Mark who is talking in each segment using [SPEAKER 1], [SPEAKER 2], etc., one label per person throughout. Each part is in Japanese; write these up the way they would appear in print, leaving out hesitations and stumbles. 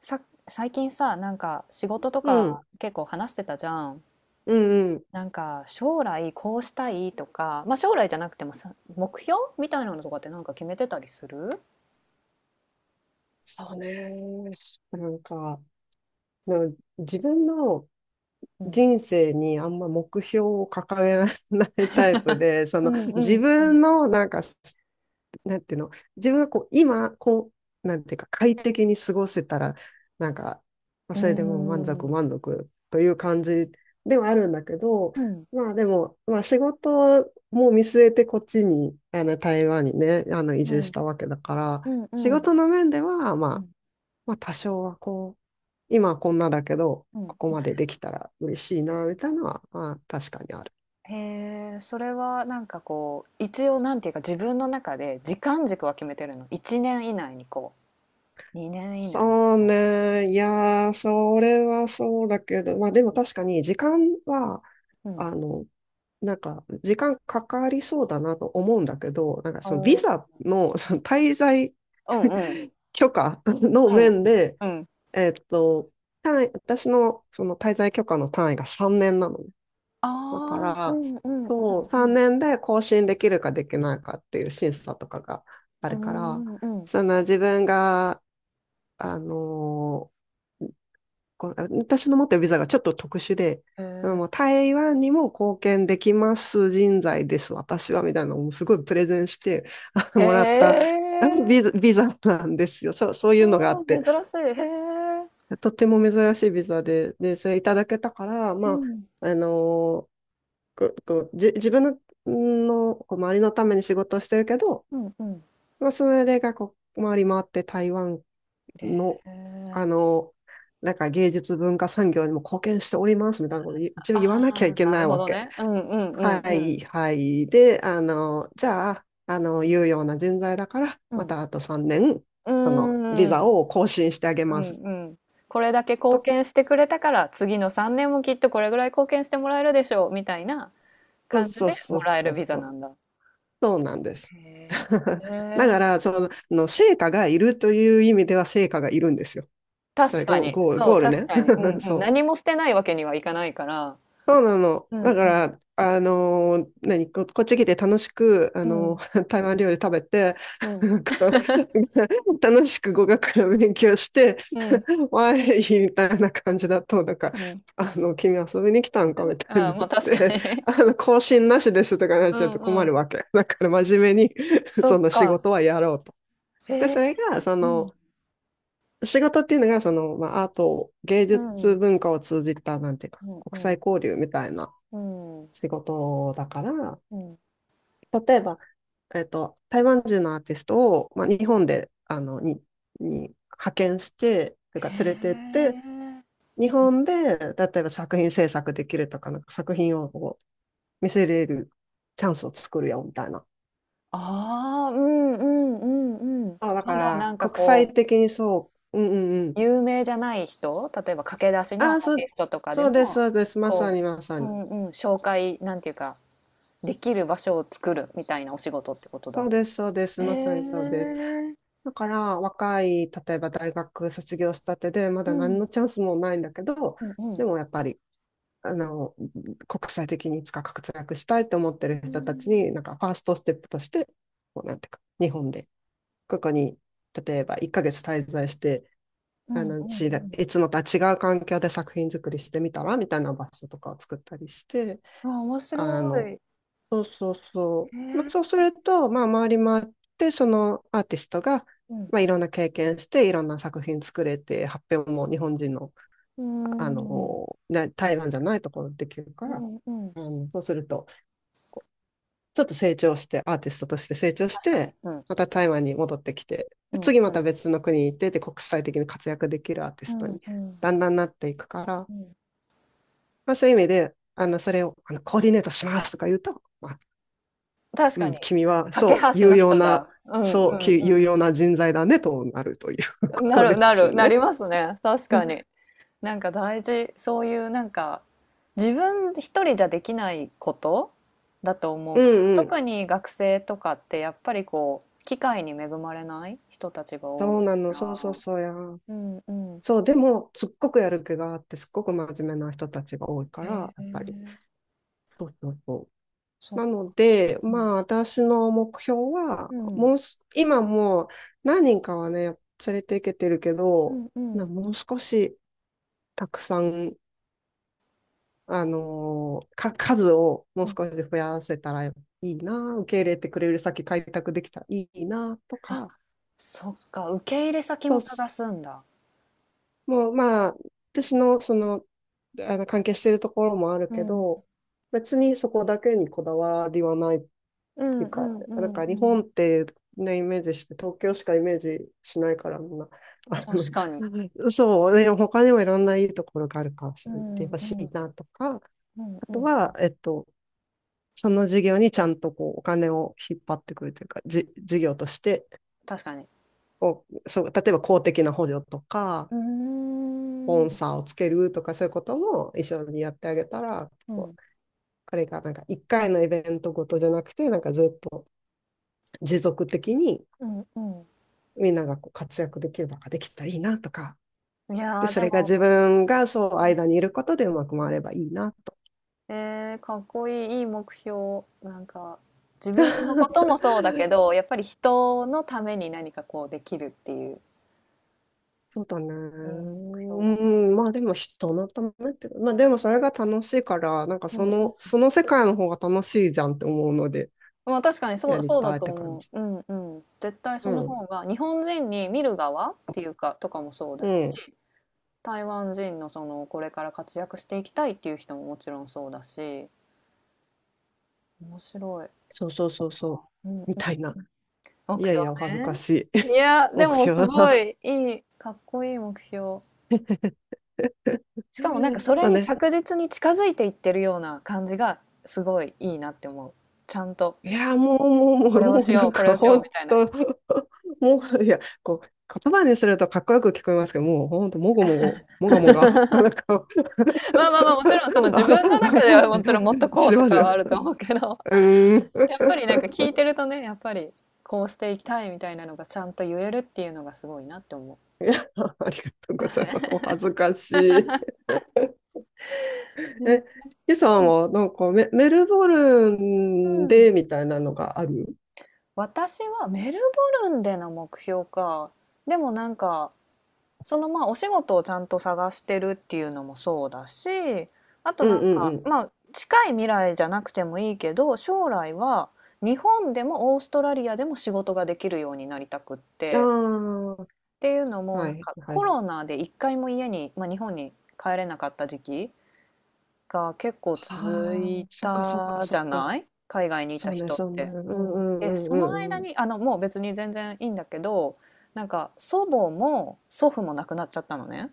[SPEAKER 1] さ、最近さ、なんか仕事と
[SPEAKER 2] う
[SPEAKER 1] か
[SPEAKER 2] ん、
[SPEAKER 1] 結構話してたじゃん。
[SPEAKER 2] うんうん。
[SPEAKER 1] なんか将来こうしたいとか、まあ将来じゃなくてもさ、目標みたいなのとかってなんか決めてたりする？
[SPEAKER 2] そうね。なんか、なんか自分の
[SPEAKER 1] うん。
[SPEAKER 2] 人生にあんま目標を掲げないタイプで、そ
[SPEAKER 1] う
[SPEAKER 2] の
[SPEAKER 1] んう
[SPEAKER 2] 自
[SPEAKER 1] んうん
[SPEAKER 2] 分のなんか好なんていうの、自分がこう、今、なんていうか、快適に過ごせたら、なんか、まあ、
[SPEAKER 1] う
[SPEAKER 2] それでもう満足
[SPEAKER 1] ん。
[SPEAKER 2] 満足という感じではあるんだけど、
[SPEAKER 1] うん。うん。
[SPEAKER 2] まあでも、まあ仕事も見据えてこっちに、あの台湾にね、あの移
[SPEAKER 1] う
[SPEAKER 2] 住し
[SPEAKER 1] ん。
[SPEAKER 2] たわけだから、
[SPEAKER 1] う
[SPEAKER 2] 仕
[SPEAKER 1] ん。
[SPEAKER 2] 事の面では、ま
[SPEAKER 1] う
[SPEAKER 2] あ、
[SPEAKER 1] ん
[SPEAKER 2] まあ多少はこう、今はこんなだけど、
[SPEAKER 1] う
[SPEAKER 2] ここ
[SPEAKER 1] ん。
[SPEAKER 2] までできたら嬉しいな、みたいなのは、まあ確かにある。
[SPEAKER 1] へえ、それはなんかこう、一応なんていうか自分の中で時間軸は決めてるの？1年以内にこう、2年以内に
[SPEAKER 2] そう
[SPEAKER 1] こ
[SPEAKER 2] ね。いやー、それはそうだけど、まあでも
[SPEAKER 1] う。
[SPEAKER 2] 確かに時間は、
[SPEAKER 1] うん。うん。
[SPEAKER 2] あの、なんか時間かかりそうだなと思うんだけど、なんか
[SPEAKER 1] お
[SPEAKER 2] そのビザ
[SPEAKER 1] ー、
[SPEAKER 2] の、その滞在
[SPEAKER 1] うんうん。
[SPEAKER 2] 許可 の
[SPEAKER 1] う
[SPEAKER 2] 面
[SPEAKER 1] ん。
[SPEAKER 2] で、
[SPEAKER 1] うん。
[SPEAKER 2] えっと、単位、私のその滞在許可の単位が3年なのね。だか
[SPEAKER 1] ああ、う
[SPEAKER 2] ら、
[SPEAKER 1] んうんう
[SPEAKER 2] そう、3
[SPEAKER 1] ん
[SPEAKER 2] 年で更新できるかできないかっていう審査とかがあ
[SPEAKER 1] う
[SPEAKER 2] るから、
[SPEAKER 1] ん。うーん、うん。
[SPEAKER 2] その自分が、あのーこう私の持ってるビザがちょっと特殊で、
[SPEAKER 1] へ
[SPEAKER 2] あの台湾にも貢献できます人材です、私は、みたいなのをすごいプレゼンして あ
[SPEAKER 1] え。
[SPEAKER 2] の
[SPEAKER 1] へ
[SPEAKER 2] もらったビ
[SPEAKER 1] え。
[SPEAKER 2] ザ、ビザなんですよ。そう、そういうのがあ
[SPEAKER 1] ああ、
[SPEAKER 2] って、
[SPEAKER 1] 珍しい。へえ。
[SPEAKER 2] とても珍しいビザで、で、それいただけたから、
[SPEAKER 1] う
[SPEAKER 2] ま
[SPEAKER 1] ん、
[SPEAKER 2] あ、あのこうこうじ、自分の、のこう周りのために仕事をしてるけど、
[SPEAKER 1] うんうん。
[SPEAKER 2] まあ、それがこう回り回って台湾
[SPEAKER 1] へ
[SPEAKER 2] の、あ
[SPEAKER 1] え。
[SPEAKER 2] の、なんか芸術文化産業にも貢献しておりますみたいなこと一応
[SPEAKER 1] あ
[SPEAKER 2] 言わなきゃい
[SPEAKER 1] あ、
[SPEAKER 2] け
[SPEAKER 1] な
[SPEAKER 2] な
[SPEAKER 1] る
[SPEAKER 2] い
[SPEAKER 1] ほ
[SPEAKER 2] わ
[SPEAKER 1] ど
[SPEAKER 2] け。
[SPEAKER 1] ね。うんうん
[SPEAKER 2] は
[SPEAKER 1] うん
[SPEAKER 2] いはい。で、あの、じゃあ、あの、有用な人材だから、
[SPEAKER 1] う
[SPEAKER 2] ま
[SPEAKER 1] ん。うん。
[SPEAKER 2] たあと3年、
[SPEAKER 1] うー
[SPEAKER 2] その、ビザ
[SPEAKER 1] ん、
[SPEAKER 2] を更新してあげ
[SPEAKER 1] う
[SPEAKER 2] ます。
[SPEAKER 1] んうん。これだけ貢
[SPEAKER 2] と、
[SPEAKER 1] 献してくれたから、次の3年もきっとこれぐらい貢献してもらえるでしょう、みたいな感じ
[SPEAKER 2] そう
[SPEAKER 1] でも
[SPEAKER 2] そう
[SPEAKER 1] らえ
[SPEAKER 2] そ
[SPEAKER 1] るビ
[SPEAKER 2] う
[SPEAKER 1] ザ
[SPEAKER 2] そ
[SPEAKER 1] な
[SPEAKER 2] う。
[SPEAKER 1] んだ。
[SPEAKER 2] そうなんです。
[SPEAKER 1] へ え。へ
[SPEAKER 2] だ
[SPEAKER 1] え。
[SPEAKER 2] から、その、の成果がいるという意味では成果がいるんですよ。
[SPEAKER 1] 確か
[SPEAKER 2] ゴ
[SPEAKER 1] に、そう、
[SPEAKER 2] ゴール
[SPEAKER 1] 確
[SPEAKER 2] ね。
[SPEAKER 1] かに。うん うん。
[SPEAKER 2] そう。
[SPEAKER 1] 何もしてないわけにはいかないから。
[SPEAKER 2] そうなの。
[SPEAKER 1] うん
[SPEAKER 2] だか
[SPEAKER 1] うん
[SPEAKER 2] ら、あのー何、こっち来て楽しく、あ
[SPEAKER 1] う
[SPEAKER 2] の
[SPEAKER 1] ん。
[SPEAKER 2] ー 台湾料理食べて、
[SPEAKER 1] う ん、
[SPEAKER 2] なんか 楽しく語学の勉強して、わーい、みたいな感じだと、なんか、
[SPEAKER 1] うん。
[SPEAKER 2] あの、君遊びに来たん
[SPEAKER 1] あ
[SPEAKER 2] かみ
[SPEAKER 1] だ
[SPEAKER 2] たいに
[SPEAKER 1] ああ、
[SPEAKER 2] なっ
[SPEAKER 1] まあ確か
[SPEAKER 2] て、
[SPEAKER 1] に。
[SPEAKER 2] あの、更新なしですとかなっ
[SPEAKER 1] う
[SPEAKER 2] ちゃうと
[SPEAKER 1] んう
[SPEAKER 2] 困
[SPEAKER 1] ん。
[SPEAKER 2] るわけ。だから真面目に、
[SPEAKER 1] そっ
[SPEAKER 2] その仕
[SPEAKER 1] か。
[SPEAKER 2] 事はやろうと。で、
[SPEAKER 1] ええ。
[SPEAKER 2] それが、そ
[SPEAKER 1] うん。
[SPEAKER 2] の、仕事っていうのが、その、まあ、アート、芸
[SPEAKER 1] うん。
[SPEAKER 2] 術
[SPEAKER 1] う
[SPEAKER 2] 文化を通じた、なんていうか、
[SPEAKER 1] んう
[SPEAKER 2] 国際
[SPEAKER 1] ん。
[SPEAKER 2] 交流みたいな、
[SPEAKER 1] うん。
[SPEAKER 2] 仕事だから、
[SPEAKER 1] うん。
[SPEAKER 2] 例えば、えっと、台湾人のアーティストを、まあ、日本で、あの、に派遣して、とい
[SPEAKER 1] へ
[SPEAKER 2] うか連れてって、
[SPEAKER 1] え。う
[SPEAKER 2] 日
[SPEAKER 1] ん。
[SPEAKER 2] 本で、例えば作品制作できるとか、なんか作品をこう見せれるチャンスを作るよ、みたいな。
[SPEAKER 1] ああ、うんうんうんうんうんうんああまあ確かに うんうんそっかえーうんうんうんうんうんへえああうんうんうんうん。
[SPEAKER 2] あ、だ
[SPEAKER 1] ま
[SPEAKER 2] か
[SPEAKER 1] だな
[SPEAKER 2] ら、
[SPEAKER 1] んか
[SPEAKER 2] 国際
[SPEAKER 1] こ
[SPEAKER 2] 的にそう、うんうんう
[SPEAKER 1] う、
[SPEAKER 2] ん。
[SPEAKER 1] 有名じゃない人、例えば駆け出しのア
[SPEAKER 2] あ、
[SPEAKER 1] ー
[SPEAKER 2] そ
[SPEAKER 1] ティ
[SPEAKER 2] う、
[SPEAKER 1] ストとかで
[SPEAKER 2] そうです、
[SPEAKER 1] も、
[SPEAKER 2] そうです、まさ
[SPEAKER 1] こ
[SPEAKER 2] にまさ
[SPEAKER 1] う、う
[SPEAKER 2] に。
[SPEAKER 1] んうん、紹介、なんていうか、できる場所を作るみたいなお仕事ってこと
[SPEAKER 2] そう
[SPEAKER 1] だ。
[SPEAKER 2] です、そうです、
[SPEAKER 1] へ
[SPEAKER 2] まさにそうです。
[SPEAKER 1] え。
[SPEAKER 2] だから若い、例えば大学卒業したてで、ま
[SPEAKER 1] う
[SPEAKER 2] だ何の
[SPEAKER 1] ん。
[SPEAKER 2] チャンスもないんだけど、
[SPEAKER 1] うんう
[SPEAKER 2] で
[SPEAKER 1] ん、
[SPEAKER 2] もやっぱり、あの、国際的にいつか活躍したいと思ってる
[SPEAKER 1] うー
[SPEAKER 2] 人たち
[SPEAKER 1] ん。
[SPEAKER 2] に、なんかファーストステップとして、こうなんていうか、日本で、ここに、例えば1ヶ月滞在して、
[SPEAKER 1] う
[SPEAKER 2] あ
[SPEAKER 1] ん
[SPEAKER 2] の、
[SPEAKER 1] うんうん。
[SPEAKER 2] いつもとは違う環境で作品作りしてみたらみたいな場所とかを作ったりして、
[SPEAKER 1] あ、面
[SPEAKER 2] あ
[SPEAKER 1] 白
[SPEAKER 2] の、
[SPEAKER 1] い。
[SPEAKER 2] そうそうそ
[SPEAKER 1] へ
[SPEAKER 2] う。まあ、
[SPEAKER 1] え。
[SPEAKER 2] そうすると、まあ、回り回って、そのアーティストが、
[SPEAKER 1] うん。
[SPEAKER 2] まあ、いろんな経験して、いろんな作品作れて、発表も日本人の、
[SPEAKER 1] うー
[SPEAKER 2] あ
[SPEAKER 1] ん。
[SPEAKER 2] の、台湾じゃないところでできるか
[SPEAKER 1] う
[SPEAKER 2] ら、
[SPEAKER 1] んうん。
[SPEAKER 2] うん、そうすると、ちょっと成長して、アーティストとして成長し
[SPEAKER 1] 確かに。
[SPEAKER 2] て、
[SPEAKER 1] うん。
[SPEAKER 2] また台湾に戻ってきて、
[SPEAKER 1] う
[SPEAKER 2] で
[SPEAKER 1] ん
[SPEAKER 2] 次
[SPEAKER 1] う
[SPEAKER 2] また
[SPEAKER 1] ん。
[SPEAKER 2] 別の国に行って、で、国際的に活躍できるアーティ
[SPEAKER 1] う
[SPEAKER 2] スト
[SPEAKER 1] ん
[SPEAKER 2] に、
[SPEAKER 1] うん。
[SPEAKER 2] だんだんなっていくから、
[SPEAKER 1] うん。
[SPEAKER 2] まあ、そういう意味で、あの、それを、あの、コーディネートしますとか言うと、まあ、
[SPEAKER 1] 確か
[SPEAKER 2] う
[SPEAKER 1] に。
[SPEAKER 2] ん、君は、
[SPEAKER 1] 架け
[SPEAKER 2] そう、
[SPEAKER 1] 橋
[SPEAKER 2] 有
[SPEAKER 1] の
[SPEAKER 2] 用
[SPEAKER 1] 人
[SPEAKER 2] な、
[SPEAKER 1] だ。うん
[SPEAKER 2] そう、
[SPEAKER 1] う
[SPEAKER 2] 有
[SPEAKER 1] ん
[SPEAKER 2] 用な人材だね、となるという
[SPEAKER 1] うん。
[SPEAKER 2] こ
[SPEAKER 1] な
[SPEAKER 2] と
[SPEAKER 1] る
[SPEAKER 2] で
[SPEAKER 1] な
[SPEAKER 2] す
[SPEAKER 1] る、な
[SPEAKER 2] ね。
[SPEAKER 1] りますね。確かに。なんか大事。そういうなんか、自分一人じゃできないことだと思
[SPEAKER 2] う
[SPEAKER 1] うから、
[SPEAKER 2] んうん。
[SPEAKER 1] 特に学生とかってやっぱりこう、機会に恵まれない人たちが多
[SPEAKER 2] そ
[SPEAKER 1] い
[SPEAKER 2] うな
[SPEAKER 1] か
[SPEAKER 2] の。そうそう
[SPEAKER 1] ら。
[SPEAKER 2] そうや。
[SPEAKER 1] うんうん。
[SPEAKER 2] そう、でも、すっごくやる気があって、すっごく真面目な人たちが多いから、
[SPEAKER 1] へ
[SPEAKER 2] やっぱり。
[SPEAKER 1] え、
[SPEAKER 2] そうそうそ
[SPEAKER 1] そ
[SPEAKER 2] う。
[SPEAKER 1] っ
[SPEAKER 2] な
[SPEAKER 1] か。
[SPEAKER 2] ので、
[SPEAKER 1] う
[SPEAKER 2] まあ、
[SPEAKER 1] ん。
[SPEAKER 2] 私の目標
[SPEAKER 1] う
[SPEAKER 2] は、
[SPEAKER 1] ん。
[SPEAKER 2] もうす、今もう何人かはね、連れていけてるけ
[SPEAKER 1] う
[SPEAKER 2] ど、
[SPEAKER 1] んうん。
[SPEAKER 2] もう少し、たくさんあのーか、数をも
[SPEAKER 1] う
[SPEAKER 2] う
[SPEAKER 1] ん。
[SPEAKER 2] 少し増やせたらいいな、受け入れてくれる先開拓できたらいいなと
[SPEAKER 1] あ、
[SPEAKER 2] か、
[SPEAKER 1] そっか、受け入れ先
[SPEAKER 2] と、
[SPEAKER 1] も探すんだ。
[SPEAKER 2] もうまあ、私のその、あの関係しているところもある
[SPEAKER 1] う
[SPEAKER 2] け
[SPEAKER 1] ん。
[SPEAKER 2] ど、別にそこだけにこだわりはないっ
[SPEAKER 1] うん
[SPEAKER 2] ていう
[SPEAKER 1] う
[SPEAKER 2] か、
[SPEAKER 1] んう
[SPEAKER 2] なん
[SPEAKER 1] ん
[SPEAKER 2] か
[SPEAKER 1] う
[SPEAKER 2] 日
[SPEAKER 1] ん。
[SPEAKER 2] 本ってね、イメージして、東京しかイメージしないから、みんな、あ
[SPEAKER 1] 確かに。
[SPEAKER 2] の、そう、でも他にもいろんないいところがあるから、
[SPEAKER 1] う
[SPEAKER 2] それって
[SPEAKER 1] んう
[SPEAKER 2] ほしい
[SPEAKER 1] ん。
[SPEAKER 2] なとか、あ
[SPEAKER 1] うん
[SPEAKER 2] と
[SPEAKER 1] うん。
[SPEAKER 2] は、えっと、その事業にちゃんとこうお金を引っ張ってくるというか、事業として
[SPEAKER 1] 確かに。
[SPEAKER 2] こうそう、例えば公的な補助とか、
[SPEAKER 1] う
[SPEAKER 2] スポ
[SPEAKER 1] ー
[SPEAKER 2] ン
[SPEAKER 1] ん。
[SPEAKER 2] サーをつけるとか、そういうことも一緒にやってあげたら、
[SPEAKER 1] う
[SPEAKER 2] こ
[SPEAKER 1] ん。
[SPEAKER 2] う彼がなんか1回のイベントごとじゃなくて、なんかずっと持続的に
[SPEAKER 1] うんう
[SPEAKER 2] みんながこう活躍できる場ができたらいいなとか、
[SPEAKER 1] ん。い
[SPEAKER 2] で、
[SPEAKER 1] やー、
[SPEAKER 2] そ
[SPEAKER 1] で
[SPEAKER 2] れが自
[SPEAKER 1] も、
[SPEAKER 2] 分がそう間にいることでうまく回ればいいなと。
[SPEAKER 1] えーかっこいい、いい目標。なんか、自分のことも そうだけど、やっぱり人のために何かこうできるっていう、
[SPEAKER 2] そうだね。
[SPEAKER 1] いい目
[SPEAKER 2] う
[SPEAKER 1] 標だな。
[SPEAKER 2] ん、まあでも人のためってまあでもそれが楽しいから、なんか
[SPEAKER 1] う
[SPEAKER 2] そ
[SPEAKER 1] んうん。
[SPEAKER 2] の、その世界の方が楽しいじゃんって思うので、
[SPEAKER 1] まあ、確かにそ
[SPEAKER 2] や
[SPEAKER 1] う、
[SPEAKER 2] り
[SPEAKER 1] そうだ
[SPEAKER 2] たいっ
[SPEAKER 1] と
[SPEAKER 2] て感
[SPEAKER 1] 思
[SPEAKER 2] じ。
[SPEAKER 1] う。うんうん。絶対そ
[SPEAKER 2] う
[SPEAKER 1] の
[SPEAKER 2] ん、
[SPEAKER 1] 方が日本人に見る側っていうかとかもそうだ
[SPEAKER 2] う
[SPEAKER 1] し、
[SPEAKER 2] ん、
[SPEAKER 1] 台湾人のそのこれから活躍していきたいっていう人ももちろんそうだし、面白い。
[SPEAKER 2] そうそうそうそう、
[SPEAKER 1] うんうん、
[SPEAKER 2] みたいな。い
[SPEAKER 1] 目
[SPEAKER 2] やい
[SPEAKER 1] 標
[SPEAKER 2] や、お恥ずか
[SPEAKER 1] ね。
[SPEAKER 2] しい
[SPEAKER 1] いや、で
[SPEAKER 2] 目
[SPEAKER 1] もす
[SPEAKER 2] 標
[SPEAKER 1] ご
[SPEAKER 2] だ。
[SPEAKER 1] いいい、かっこいい目標。しかもなんか それ
[SPEAKER 2] だ
[SPEAKER 1] に
[SPEAKER 2] ね。
[SPEAKER 1] 着実に近づいていってるような感じがすごいいいなって思う。ちゃんと
[SPEAKER 2] いやもう、も
[SPEAKER 1] こ
[SPEAKER 2] う、
[SPEAKER 1] れを
[SPEAKER 2] もう、も
[SPEAKER 1] し
[SPEAKER 2] う、な
[SPEAKER 1] よう、
[SPEAKER 2] ん
[SPEAKER 1] これ
[SPEAKER 2] か、
[SPEAKER 1] をしよ
[SPEAKER 2] ほ
[SPEAKER 1] う
[SPEAKER 2] ん
[SPEAKER 1] みたいな。
[SPEAKER 2] ともう、いや、こう、言葉にするとかっこよく聞こえますけど、もう、ほんと、もごもご、もがもが、なんかあ
[SPEAKER 1] まあまあまあ、もちろんその自分の中ではもち ろんもっとこ
[SPEAKER 2] 知
[SPEAKER 1] う
[SPEAKER 2] って
[SPEAKER 1] と
[SPEAKER 2] ます
[SPEAKER 1] か
[SPEAKER 2] よ。
[SPEAKER 1] はあると思うけど、
[SPEAKER 2] うーん。
[SPEAKER 1] やっぱりなん か聞いてるとね、やっぱりこうしていきたいみたいなのがちゃんと言えるっていうのがすごいなって思
[SPEAKER 2] いや、ありがとうございます。お恥ずかしい。
[SPEAKER 1] ね。う。ね。
[SPEAKER 2] え、ヒさんはなんかメルボル
[SPEAKER 1] う
[SPEAKER 2] ン
[SPEAKER 1] ん。
[SPEAKER 2] でみたいなのがある？
[SPEAKER 1] 私はメルボルンでの目標か。でもなんか、そのまあお仕事をちゃんと探してるっていうのもそうだし、あと
[SPEAKER 2] う
[SPEAKER 1] なん
[SPEAKER 2] ん
[SPEAKER 1] か、
[SPEAKER 2] うん
[SPEAKER 1] まあ近い未来じゃなくてもいいけど、将来は日本でもオーストラリアでも仕事ができるようになりたくっ
[SPEAKER 2] う
[SPEAKER 1] て。
[SPEAKER 2] ん。あ
[SPEAKER 1] っていうの
[SPEAKER 2] あ、
[SPEAKER 1] も、
[SPEAKER 2] は
[SPEAKER 1] なん
[SPEAKER 2] い、
[SPEAKER 1] か
[SPEAKER 2] は
[SPEAKER 1] コ
[SPEAKER 2] い。
[SPEAKER 1] ロナで一回も家に、まあ、日本に帰れなかった時期が結構続
[SPEAKER 2] あ
[SPEAKER 1] い
[SPEAKER 2] あ、そっかそっか
[SPEAKER 1] たじ
[SPEAKER 2] そっ
[SPEAKER 1] ゃ
[SPEAKER 2] か。
[SPEAKER 1] ない、海外にい
[SPEAKER 2] そ
[SPEAKER 1] た
[SPEAKER 2] うね、
[SPEAKER 1] 人っ
[SPEAKER 2] そうね。
[SPEAKER 1] て。
[SPEAKER 2] う
[SPEAKER 1] う
[SPEAKER 2] ん
[SPEAKER 1] ん、で、
[SPEAKER 2] うんうん
[SPEAKER 1] そ
[SPEAKER 2] う
[SPEAKER 1] の間
[SPEAKER 2] んうん。
[SPEAKER 1] に、もう別に全然いいんだけど、なんか祖母も祖父も亡くなっちゃったのね。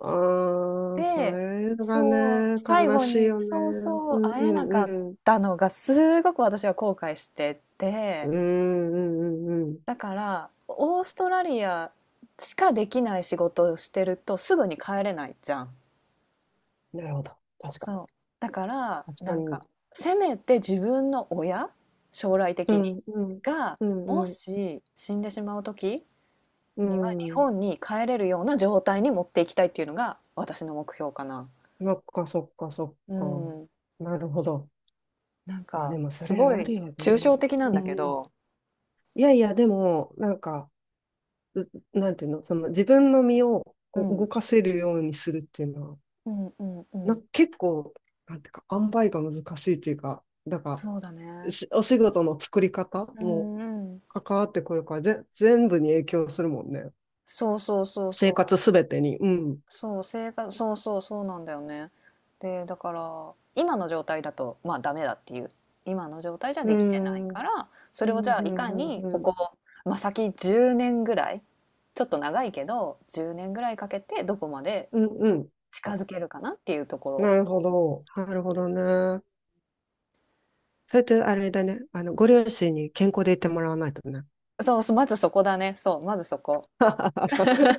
[SPEAKER 2] ああ、そ
[SPEAKER 1] で、
[SPEAKER 2] れが
[SPEAKER 1] そう、
[SPEAKER 2] ね、
[SPEAKER 1] 最
[SPEAKER 2] 悲
[SPEAKER 1] 後
[SPEAKER 2] しい
[SPEAKER 1] に、
[SPEAKER 2] よ
[SPEAKER 1] そう
[SPEAKER 2] ね。
[SPEAKER 1] そ
[SPEAKER 2] う
[SPEAKER 1] う、
[SPEAKER 2] んう
[SPEAKER 1] 会えなか
[SPEAKER 2] ん
[SPEAKER 1] っ
[SPEAKER 2] うん。
[SPEAKER 1] たのがすごく私は後悔してて、
[SPEAKER 2] うんうんうんうん。
[SPEAKER 1] だから、オーストラリアしかできない仕事をしてるとすぐに帰れないじゃん。
[SPEAKER 2] なるほど。確か
[SPEAKER 1] そう。
[SPEAKER 2] に。
[SPEAKER 1] だから、
[SPEAKER 2] 確
[SPEAKER 1] な
[SPEAKER 2] か
[SPEAKER 1] ん
[SPEAKER 2] に。
[SPEAKER 1] か、せめて自分の親、将来的
[SPEAKER 2] う
[SPEAKER 1] に、
[SPEAKER 2] んうん。
[SPEAKER 1] が、
[SPEAKER 2] う
[SPEAKER 1] も
[SPEAKER 2] んうん。
[SPEAKER 1] し死んでしまう時
[SPEAKER 2] う
[SPEAKER 1] には日
[SPEAKER 2] ん。
[SPEAKER 1] 本に帰れるような状態に持っていきたいっていうのが私の目標かな。
[SPEAKER 2] そっか、そっか、そっ
[SPEAKER 1] う
[SPEAKER 2] か。
[SPEAKER 1] ん。
[SPEAKER 2] なるほど。
[SPEAKER 1] なん
[SPEAKER 2] あ、
[SPEAKER 1] か、
[SPEAKER 2] でもそ
[SPEAKER 1] す
[SPEAKER 2] れ
[SPEAKER 1] ご
[SPEAKER 2] ある
[SPEAKER 1] い
[SPEAKER 2] よ
[SPEAKER 1] 抽
[SPEAKER 2] ね。
[SPEAKER 1] 象的なん
[SPEAKER 2] う
[SPEAKER 1] だけ
[SPEAKER 2] ん。
[SPEAKER 1] ど、
[SPEAKER 2] いやいや、でも、なんか、うなんていうの、その自分の身を
[SPEAKER 1] う
[SPEAKER 2] こう動
[SPEAKER 1] ん。
[SPEAKER 2] かせるようにするっていうのは、
[SPEAKER 1] うんうんうん。
[SPEAKER 2] 結構、なんていうか、塩梅が難しいっていうか、なんか、
[SPEAKER 1] そうだね。
[SPEAKER 2] お仕事の作り方
[SPEAKER 1] う
[SPEAKER 2] も
[SPEAKER 1] んうん。
[SPEAKER 2] 関わってくるから、全部に影響するもんね。
[SPEAKER 1] そうそうそうそ
[SPEAKER 2] 生
[SPEAKER 1] う。
[SPEAKER 2] 活すべてに。うん。
[SPEAKER 1] そう、生活、そうそう、そうなんだよね。で、だから、今の状態だと、まあ、ダメだっていう。今の状態じゃ
[SPEAKER 2] う
[SPEAKER 1] できてない
[SPEAKER 2] ん。うん、
[SPEAKER 1] から、そ
[SPEAKER 2] う
[SPEAKER 1] れをじ
[SPEAKER 2] ん、
[SPEAKER 1] ゃあ、いか
[SPEAKER 2] うん、
[SPEAKER 1] にこ
[SPEAKER 2] うん。
[SPEAKER 1] こ、まあ、先10年ぐらい、ちょっと長いけど、10年ぐらいかけてどこまで
[SPEAKER 2] うん、うん。
[SPEAKER 1] 近づけるかなっていうと
[SPEAKER 2] な
[SPEAKER 1] こ
[SPEAKER 2] るほど。なるほどね。それとあれだね、あの、ご両親に健康でいてもらわないとね。
[SPEAKER 1] ろ。そうそう、まずそこだね。そう、まずそこ。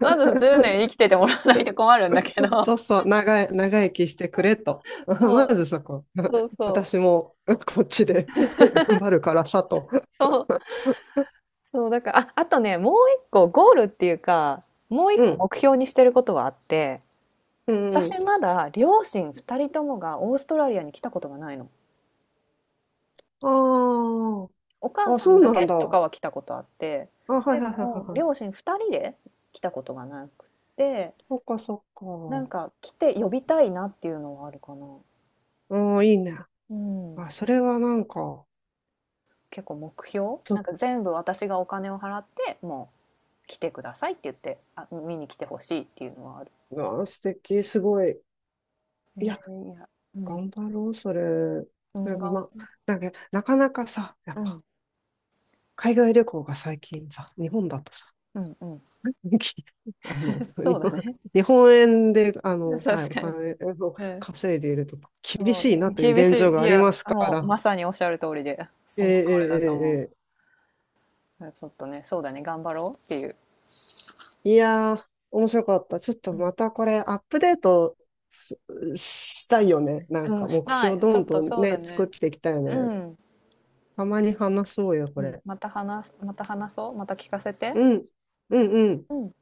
[SPEAKER 1] まず10年生きててもらわないと困るんだけど。
[SPEAKER 2] そうそう、長生きしてくれと。
[SPEAKER 1] そ
[SPEAKER 2] ま
[SPEAKER 1] う、
[SPEAKER 2] ずそこ。
[SPEAKER 1] そう そう。
[SPEAKER 2] 私もこっちで 頑張るからさと。
[SPEAKER 1] そうそう、だから、あ、あとね、もう一個ゴールっていうか、もう一
[SPEAKER 2] う
[SPEAKER 1] 個
[SPEAKER 2] ん、
[SPEAKER 1] 目標にしてることはあって、
[SPEAKER 2] うん、うん。
[SPEAKER 1] 私まだ両親二人ともがオーストラリアに来たことがないの。
[SPEAKER 2] あ
[SPEAKER 1] お母
[SPEAKER 2] あ、あ、
[SPEAKER 1] さ
[SPEAKER 2] そ
[SPEAKER 1] ん
[SPEAKER 2] う
[SPEAKER 1] だ
[SPEAKER 2] なん
[SPEAKER 1] け
[SPEAKER 2] だ。
[SPEAKER 1] と
[SPEAKER 2] あ、
[SPEAKER 1] かは来たことあって、
[SPEAKER 2] はいはい
[SPEAKER 1] で
[SPEAKER 2] はいは
[SPEAKER 1] も
[SPEAKER 2] いはい。
[SPEAKER 1] 両親二人で来たことがなくって、
[SPEAKER 2] そっかそっ
[SPEAKER 1] なん
[SPEAKER 2] か。
[SPEAKER 1] か来て呼びたいなっていうのはあるかな。
[SPEAKER 2] うん、いいね。
[SPEAKER 1] うん。
[SPEAKER 2] あ、それはなんか、
[SPEAKER 1] 結構目標
[SPEAKER 2] ちょ
[SPEAKER 1] な
[SPEAKER 2] っ
[SPEAKER 1] んか全部私がお金を払って、もう来てくださいって言って、あ、見に来てほしいっていうのはある。
[SPEAKER 2] と、あ素敵、すごい。い
[SPEAKER 1] え
[SPEAKER 2] や、
[SPEAKER 1] ーいや、うん。
[SPEAKER 2] 頑張ろう、それ。
[SPEAKER 1] う
[SPEAKER 2] で
[SPEAKER 1] ん、
[SPEAKER 2] もま、なんか、なかなかさ、やっ
[SPEAKER 1] う
[SPEAKER 2] ぱ、
[SPEAKER 1] ん。
[SPEAKER 2] 海外旅行が最近さ、日本だとさ、
[SPEAKER 1] うんうん。
[SPEAKER 2] あの、
[SPEAKER 1] そうだね。
[SPEAKER 2] 日本円で、あの、はい、
[SPEAKER 1] 確
[SPEAKER 2] お
[SPEAKER 1] かに。
[SPEAKER 2] 金を
[SPEAKER 1] うん。
[SPEAKER 2] 稼いでいると厳
[SPEAKER 1] も
[SPEAKER 2] しいな
[SPEAKER 1] う
[SPEAKER 2] という
[SPEAKER 1] 厳し
[SPEAKER 2] 現状
[SPEAKER 1] い。
[SPEAKER 2] が
[SPEAKER 1] い
[SPEAKER 2] あり
[SPEAKER 1] や、
[SPEAKER 2] ますか
[SPEAKER 1] もうま
[SPEAKER 2] ら。
[SPEAKER 1] さにおっしゃる通りで、
[SPEAKER 2] え
[SPEAKER 1] そ
[SPEAKER 2] え
[SPEAKER 1] の通り
[SPEAKER 2] え
[SPEAKER 1] だと思う。
[SPEAKER 2] えええ。
[SPEAKER 1] ちょっとね、そうだね、頑張ろうっていう。
[SPEAKER 2] いやー、面白かった。ちょっと
[SPEAKER 1] う
[SPEAKER 2] またこれアップデートすしたいよね。なん
[SPEAKER 1] ん、う
[SPEAKER 2] か
[SPEAKER 1] ん、し
[SPEAKER 2] 目
[SPEAKER 1] た
[SPEAKER 2] 標
[SPEAKER 1] い。ち
[SPEAKER 2] ど
[SPEAKER 1] ょっ
[SPEAKER 2] ん
[SPEAKER 1] と
[SPEAKER 2] どん
[SPEAKER 1] そうだ
[SPEAKER 2] ね、作っ
[SPEAKER 1] ね。
[SPEAKER 2] ていきたいよ
[SPEAKER 1] う
[SPEAKER 2] ね。
[SPEAKER 1] ん。
[SPEAKER 2] たまに話そうよ、こ
[SPEAKER 1] うん、
[SPEAKER 2] れ。
[SPEAKER 1] また話す、また話そう。また聞かせて。
[SPEAKER 2] うん、うん、うん。
[SPEAKER 1] うん。